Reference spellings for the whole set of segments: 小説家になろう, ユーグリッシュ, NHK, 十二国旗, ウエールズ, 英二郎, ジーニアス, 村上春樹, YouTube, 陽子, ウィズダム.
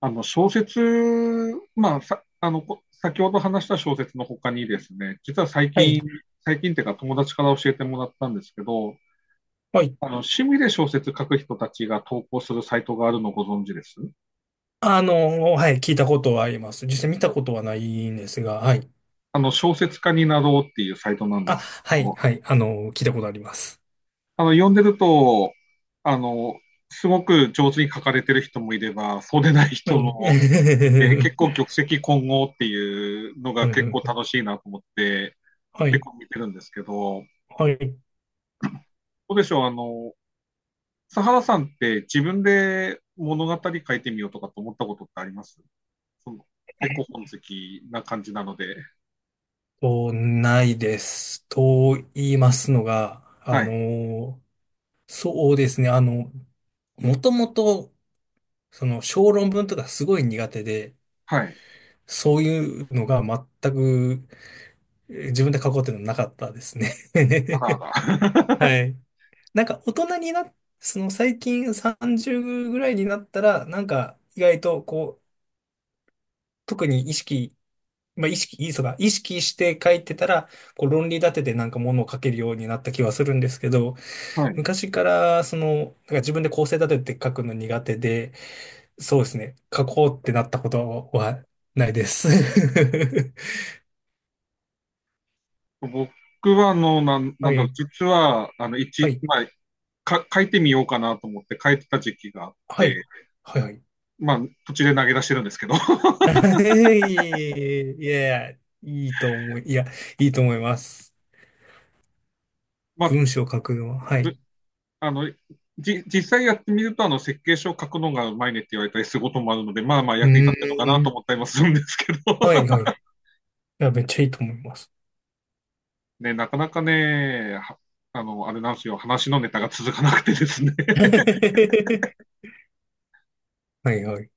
あの小説、まあ、さ、あの、こ先ほど話した小説の他にですね、実は最はい。近、最近っていうか友達から教えてもらったんですけど、はい。趣味で小説書く人たちが投稿するサイトがあるのご存知ですはい。聞いたことはあります。実際見たことはないんですが、はい。小説家になろうっていうサイトなんであ、すけはい。ど、はい。聞いたことあります。読んでると、あの、すごく上手に書かれてる人もいれば、そうでないは人い。もいて、結構 玉石混合っていうのが結構は楽しいなと思って、結い。構見てるんですけど、はい。はい。どうでしょう、佐原さんって自分で物語書いてみようとかと思ったことってありますその結構本好きな感じなので。ないです。と言いますのが、はい。そうですね。もともと、小論文とかすごい苦手で、はい。そういうのが全く自分で書こうっていうのはなかったですね。あらあら。はい。なんか大人にな、その最近三十ぐらいになったらなんか意外とこう特に意識、まあ意識いいそば意識して描いてたらこう論理立ててなんかものを描けるようになった気はするんですけど、 はい。昔からその自分で構成立てて描くの苦手で、そうですね、描こうってなったことはないです。僕は、なはんだろう、い、実は、はい、書いてみようかなと思って書いてた時期があっはい、て、はい。まあ、途中で投げ出してるんですけど、いやいや、いいと思いいやいいと思います。まあ、文章を書くのは、はい。ぶうあの、実際やってみると、あの、設計書を書くのがうまいねって言われたりすることもあるので、まあまあー役に立ってるのかなと思っん。たりもするんですけど。はい、はい。いや、めっちゃいいと思います。ね、なかなかね、はあの、あれなんですよ、話のネタが続かなくてですね。はい、はい。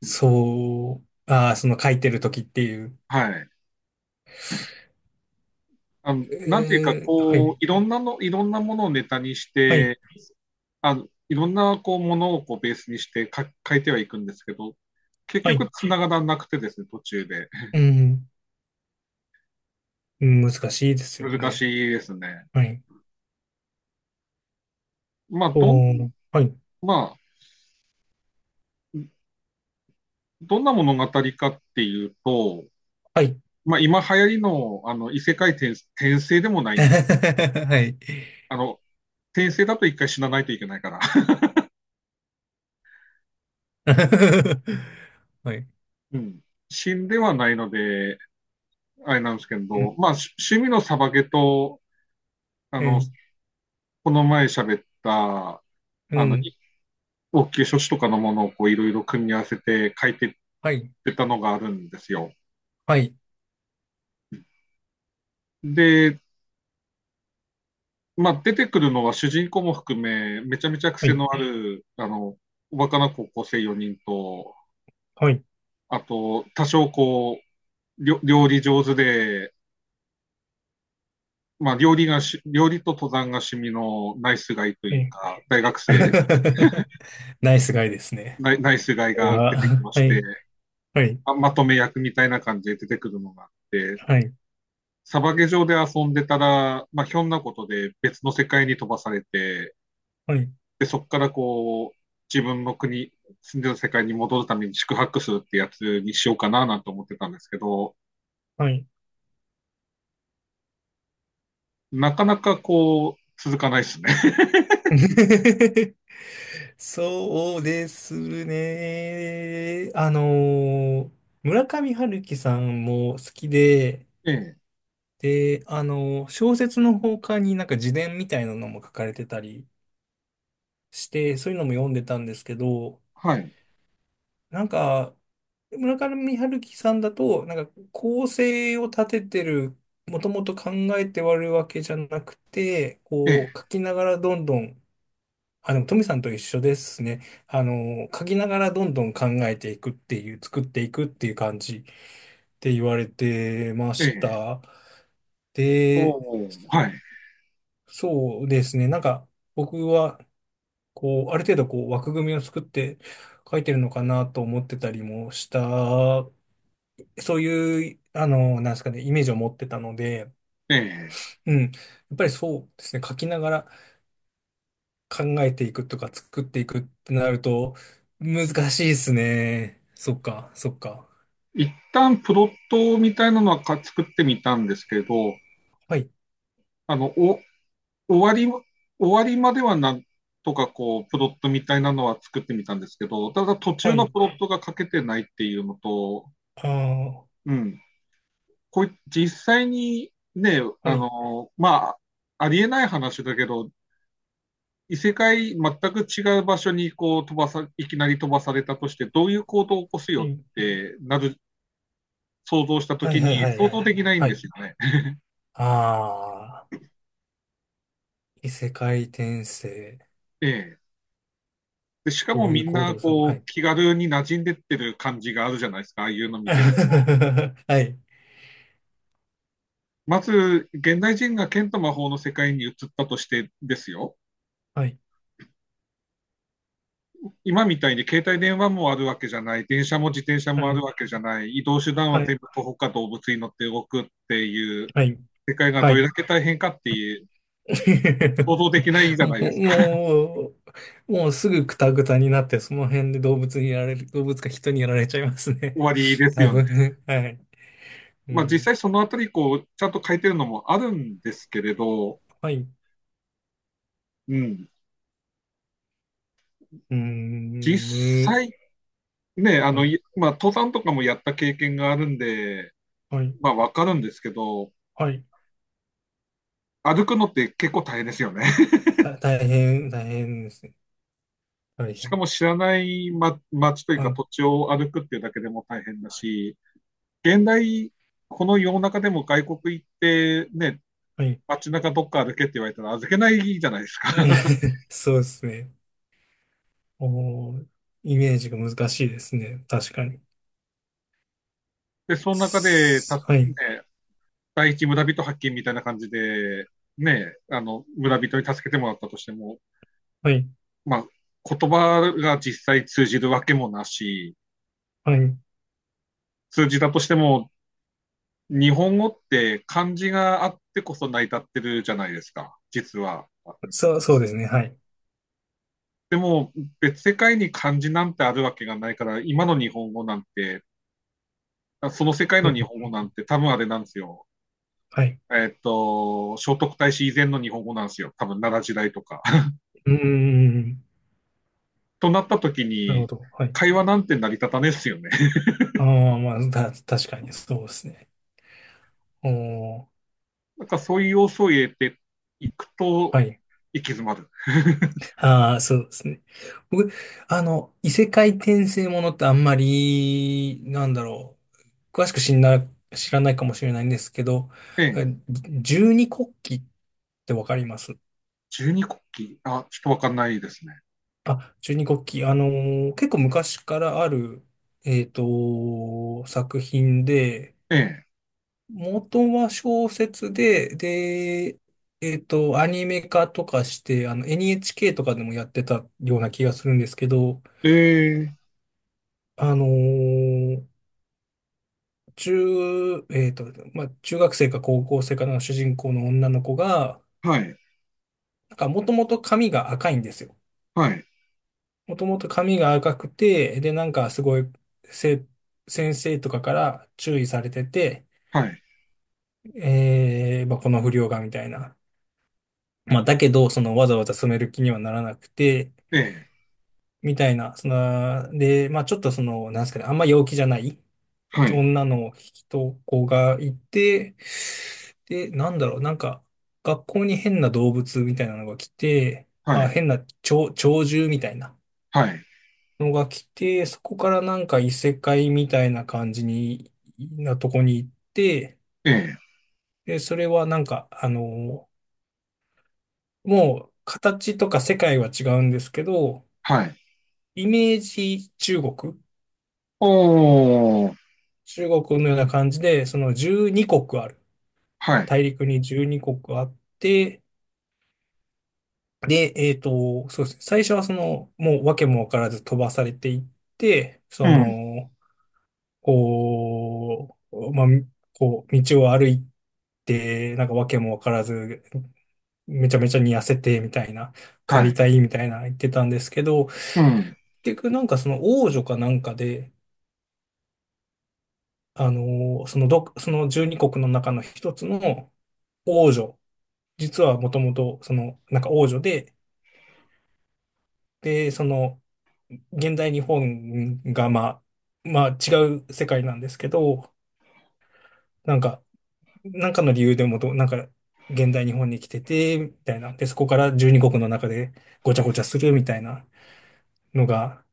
そう、ああ、その書いてるときっていう。はい。あの、なんていうか、はこう、い、いろんなものをネタにしはい、て、あの、いろんな、こう、ものをこうベースにして書いてはいくんですけど、結は局い。繋がらなくてですね、途中で。うん、うん、難しいですよ難ね。しいですね。はい。まあ、どん、おー、はい、まあ、どんな物語かっていうと、はい。まあ、今流行りの、あの、異世界転、転生でもな いんだ。はい。あの、転生だと一回死なないといけないから。はい。うん。死んではないので、あれなんですけうん、ど、まあ、趣味のサバゲと、あうの、ん、この前喋った、うあの、ん。い応急処置とかのものをこういろいろ組み合わせて書いてっはい、てたのがあるんですよ。はい、で、まあ、出てくるのは主人公も含め、めちゃめちゃは癖い、のある、あの、おバカな高校生4人と、はい、あと、多少料理上手で、まあ、料理と登山が趣味のナイスガイとはいうい。か、大学生 ナイスガイですね。ナイナイスガこれがは、出てきましはてい、はい。あ、まとめ役みたいな感じで出てくるのがあって、はい、サバゲ上で遊んでたら、まあ、ひょんなことで別の世界に飛ばされて、はい、でそこからこう自分の国、住んでる世界に戻るために宿泊するってやつにしようかななんて思ってたんですけど、はい。なかなかこう、続かないですね。そうですね。村上春樹さんも好きで、ええ、で、小説の他になんか自伝みたいなのも書かれてたりして、そういうのも読んでたんですけど、はい、なんか、村上春樹さんだと、なんか構成を立ててる、もともと考えて割るわけじゃなくて、ええ、こう書きながらどんどん、あ、でも、トミさんと一緒ですね。書きながらどんどん考えていくっていう、作っていくっていう感じって言われてまえしえ、た。で、おーはい、そうですね。なんか、僕は、こう、ある程度、こう、枠組みを作って書いてるのかなと思ってたりもした、そういう、なんですかね、イメージを持ってたので、ええ。うん。やっぱりそうですね、書きながら、考えていくとか作っていくってなると難しいですね。そっか、そっか。一旦プロットみたいなのは作ってみたんですけど、はい、あの、お終わり、終わりまではなんとかこう、プロットみたいなのは作ってみたんですけど、ただ途は中のい、プロットが書けてないっていうのと、ああ、うん、こう実際にね、はあい、の、まあ、ありえない話だけど、異世界全く違う場所にこう飛ばさ、いきなり飛ばされたとして、どういう行動を起こすはよい、ってなる、想像したとはい、きはい、にはい、想は像い。できないんはですい。よね。ああ、異世界転生。ええ。で、しかもどういうみん行な動をするの、はこうい。気軽に馴染んでってる感じがあるじゃないですか、ああいうの見 てると、はい、まず、現代人が剣と魔法の世界に移ったとしてですよ。はい、今みたいに携帯電話もあるわけじゃない、電車も自転車はもあるい、わけじゃない、移動手段ははい、全部徒歩か動物に乗って動くっていうはい、世界がはどれい。だけ大変かっていう、想 像できないじゃなもいでう、すか。ももうすぐクタクタになって、その辺で動物にやられる、動物か人にやられちゃいます終ね。わりで す多よね。分。はい。うまあ実際ん、そのあたり、こう、ちゃんと書いてるのもあるんですけれど、はい、うん。う実ん、む、際、ね、あはの、い、まあ登山とかもやった経験があるんで、はい、まあわかるんですけど、はい。歩くのって結構大変ですよね。大変、大変ですね。大しか変。も知らない、ま、街というはかい、土地を歩くっていうだけでも大変だし、現代、この世の中でも外国行ってね、はい。街中どっか歩けって言われたら預けないじゃないですか。そうですね。おー、イメージが難しいですね。確かに。で、その中で、はい、第一村人発見みたいな感じで、ね、あの、村人に助けてもらったとしても、はい、まあ、言葉が実際通じるわけもなし、はい。通じたとしても、日本語って漢字があってこそ成り立ってるじゃないですか、実は。そう、そうですね。はい。でも別世界に漢字なんてあるわけがないから、今の日本語なんて、その世界うのん、日本語なんて多分あれなんですよ。はい。えっと、聖徳太子以前の日本語なんですよ。多分奈良時代とか。うん、うん、うん、うん、となった時なるほに、ど。はい。会話なんて成り立たねえっすよね。ああ、まあ、確かにそうですね。おー、なんかそういう要素を入れていくとはい。行き詰まる。ああ、そうですね。僕、異世界転生ものってあんまり、なんだろう、詳しく知んな、知らないかもしれないんですけど、えええ、十二国旗ってわかります？十二国旗、あ、ちょっとわかんないですね。あ、十二国旗、結構昔からある、作品で、え元は小説で、アニメ化とかして、NHK とかでもやってたような気がするんですけど、え、ええ、あのー中、えっと、まあ、中学生か高校生かの主人公の女の子が、はい、なんかもともと髪が赤いんですよ。はい、もともと髪が赤くて、で、なんかすごい、せ、先生とかから注意されてて、はい、まあ、この不良がみたいな。まあ、だけど、わざわざ染める気にはならなくて、ええ、みたいな、で、まあちょっとなんですかね、あんま陽気じゃないはい、女の人子がいて、で、なんだろう、なんか、学校に変な動物みたいなのが来て、はあ、い、変な鳥獣みたいなはい、のが来て、そこからなんか異世界みたいな感じに、なとこに行って、ええ、で、それはなんか、もう形とか世界は違うんですけど、はい。イメージおー。中国のような感じで、その12国ある。はい。大陸に12国あって、で、そうですね。最初はその、もう訳も分からず飛ばされていって、うそん。の、こう、まあ、こう、道を歩いて、なんか訳も分からず、めちゃめちゃに痩せて、みたいな、帰はりい。たい、みたいな言ってたんですけど、うん。結局なんかその王女かなんかで、あの、そのど、その12国の中の一つの王女、実はもともと、その、なんか王女で、で、その、現代日本が、まあ、まあ違う世界なんですけど、なんか、なんかの理由でもど、なんか、現代日本に来てて、みたいな。で、そこから12国の中でごちゃごちゃするみたいなのが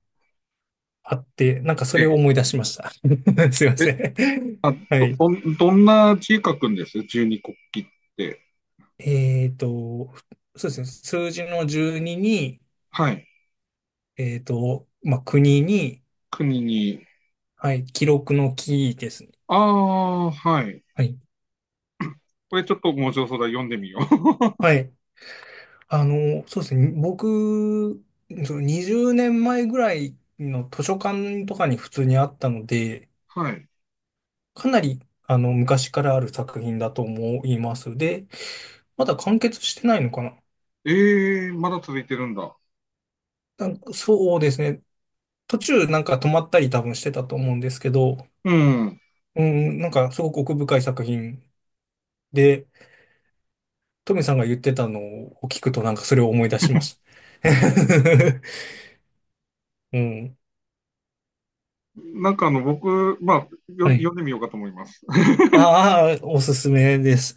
あって、なんかそえれをえ。思い出しました。すいまえ、せん。あ、はい。どんな字書くんです十二国旗って。えっと、そうですね。数字の12に、はい。まあ、国に、国に。はい、記録の記ですね。ああ、はい。はい。これちょっと面白そうだ。読んでみよう。はい。そうですね。僕、20年前ぐらいの図書館とかに普通にあったので、はい。かなり、昔からある作品だと思います。で、まだ完結してないのかな。ええ、まだ続いてるんだ。なんかそうですね。途中なんか止まったり多分してたと思うんですけど、うん。うん、なんかすごく奥深い作品で、トミさんが言ってたのを聞くとなんかそれを思い出しました。うん。なんかあの、僕、まあ、よ、は読い。んでみようかと思います。ああ、おすすめです。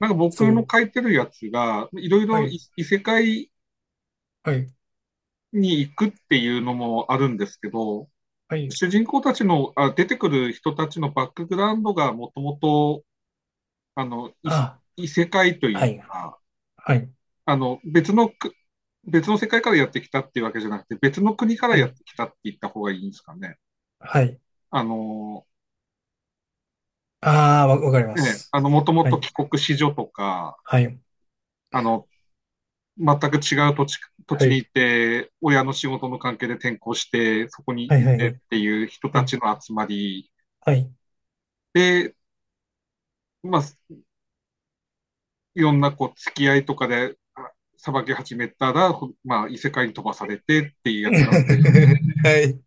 なんか僕そのう。書いてるやつが、いろいはろいい、異世界はい、に行くっていうのもあるんですけど、はい。主人公たちの、あ、出てくる人たちのバックグラウンドがもともとあの、あ、異世界とはいうい、か、はい、あの、別のく、別の世界からやってきたっていうわけじゃなくて、別の国からはやっい、てきたって言った方がいいんですかね。はい。あの、ああ、わかりまね、す。あの、もともはとい、帰国子女とか、はい、あの、全く違う土地、土は地に行い、って、親の仕事の関係で転校して、そこにはい、行はってっい、ていう人はたい、ちの集まりはい。で、まあ、いろんなこう、付き合いとかで、さばき始めたら、まあ、異世界に飛ばされてっていうやつなので、はい。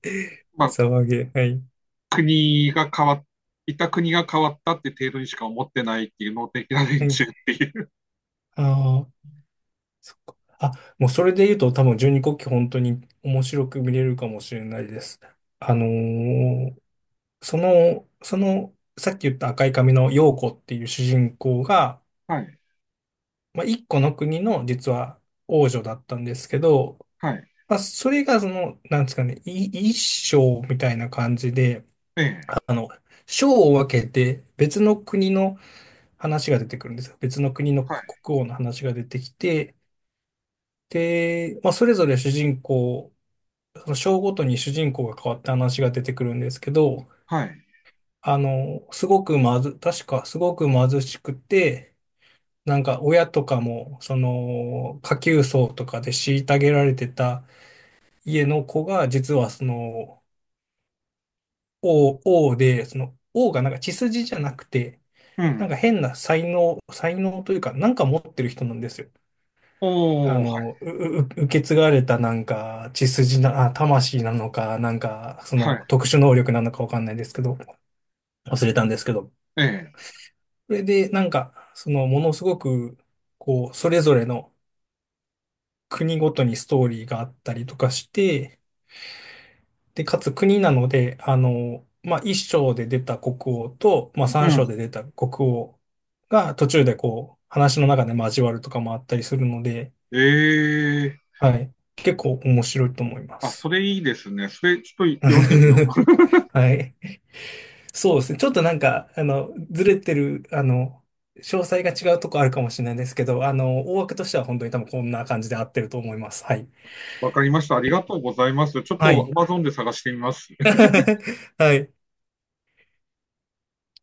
ま あ、はい、国が変わっ、いた国が変わったって程度にしか思ってないっていう能的なは連中い。っていう。ああ、そっか。あ、もうそれで言うと多分十二国旗本当に面白く見れるかもしれないです。あのーその、さっき言った赤い髪の陽子っていう主人公が、はい、まあ、一個の国の実は王女だったんですけど、はい、まあ、それがその、なんですかね、一章みたいな感じで、ええ、あの、章を分けて別の国の話が出てくるんですよ。別の国のはい、国王の話が出てきて、で、まあ、それぞれ主人公、その章ごとに主人公が変わった話が出てくるんですけど、はい、すごくまず、確かすごく貧しくて、なんか親とかも、その、下級層とかで虐げられてた家の子が、実はその、王、王で、その、王がなんか血筋じゃなくて、うなんかん。変な才能というか、なんか持ってる人なんですよ。おー、はい、う、う、う受け継がれたなんか、血筋な、あ、魂なのか、なんか、そはい、の、特殊能力なのかわかんないですけど、忘れたんですけど。ええ、それで、なんか、その、ものすごく、こう、それぞれの、国ごとにストーリーがあったりとかして、で、かつ国なので、まあ、一章で出た国王と、まあ、う三ん。章で出た国王が途中でこう、話の中で交わるとかもあったりするので、ええ、はい。結構面白いと思いまあ、そす。れいいですね。それちょっと読んでみよ はい。そうですね。ちょっとなんか、ずれてる、詳細が違うとこあるかもしれないですけど、大枠としては本当に多分こんな感じで合ってると思います。はい。う。わかりました。ありがとうございます。ちょっはと い。Amazon で探してみます。はい。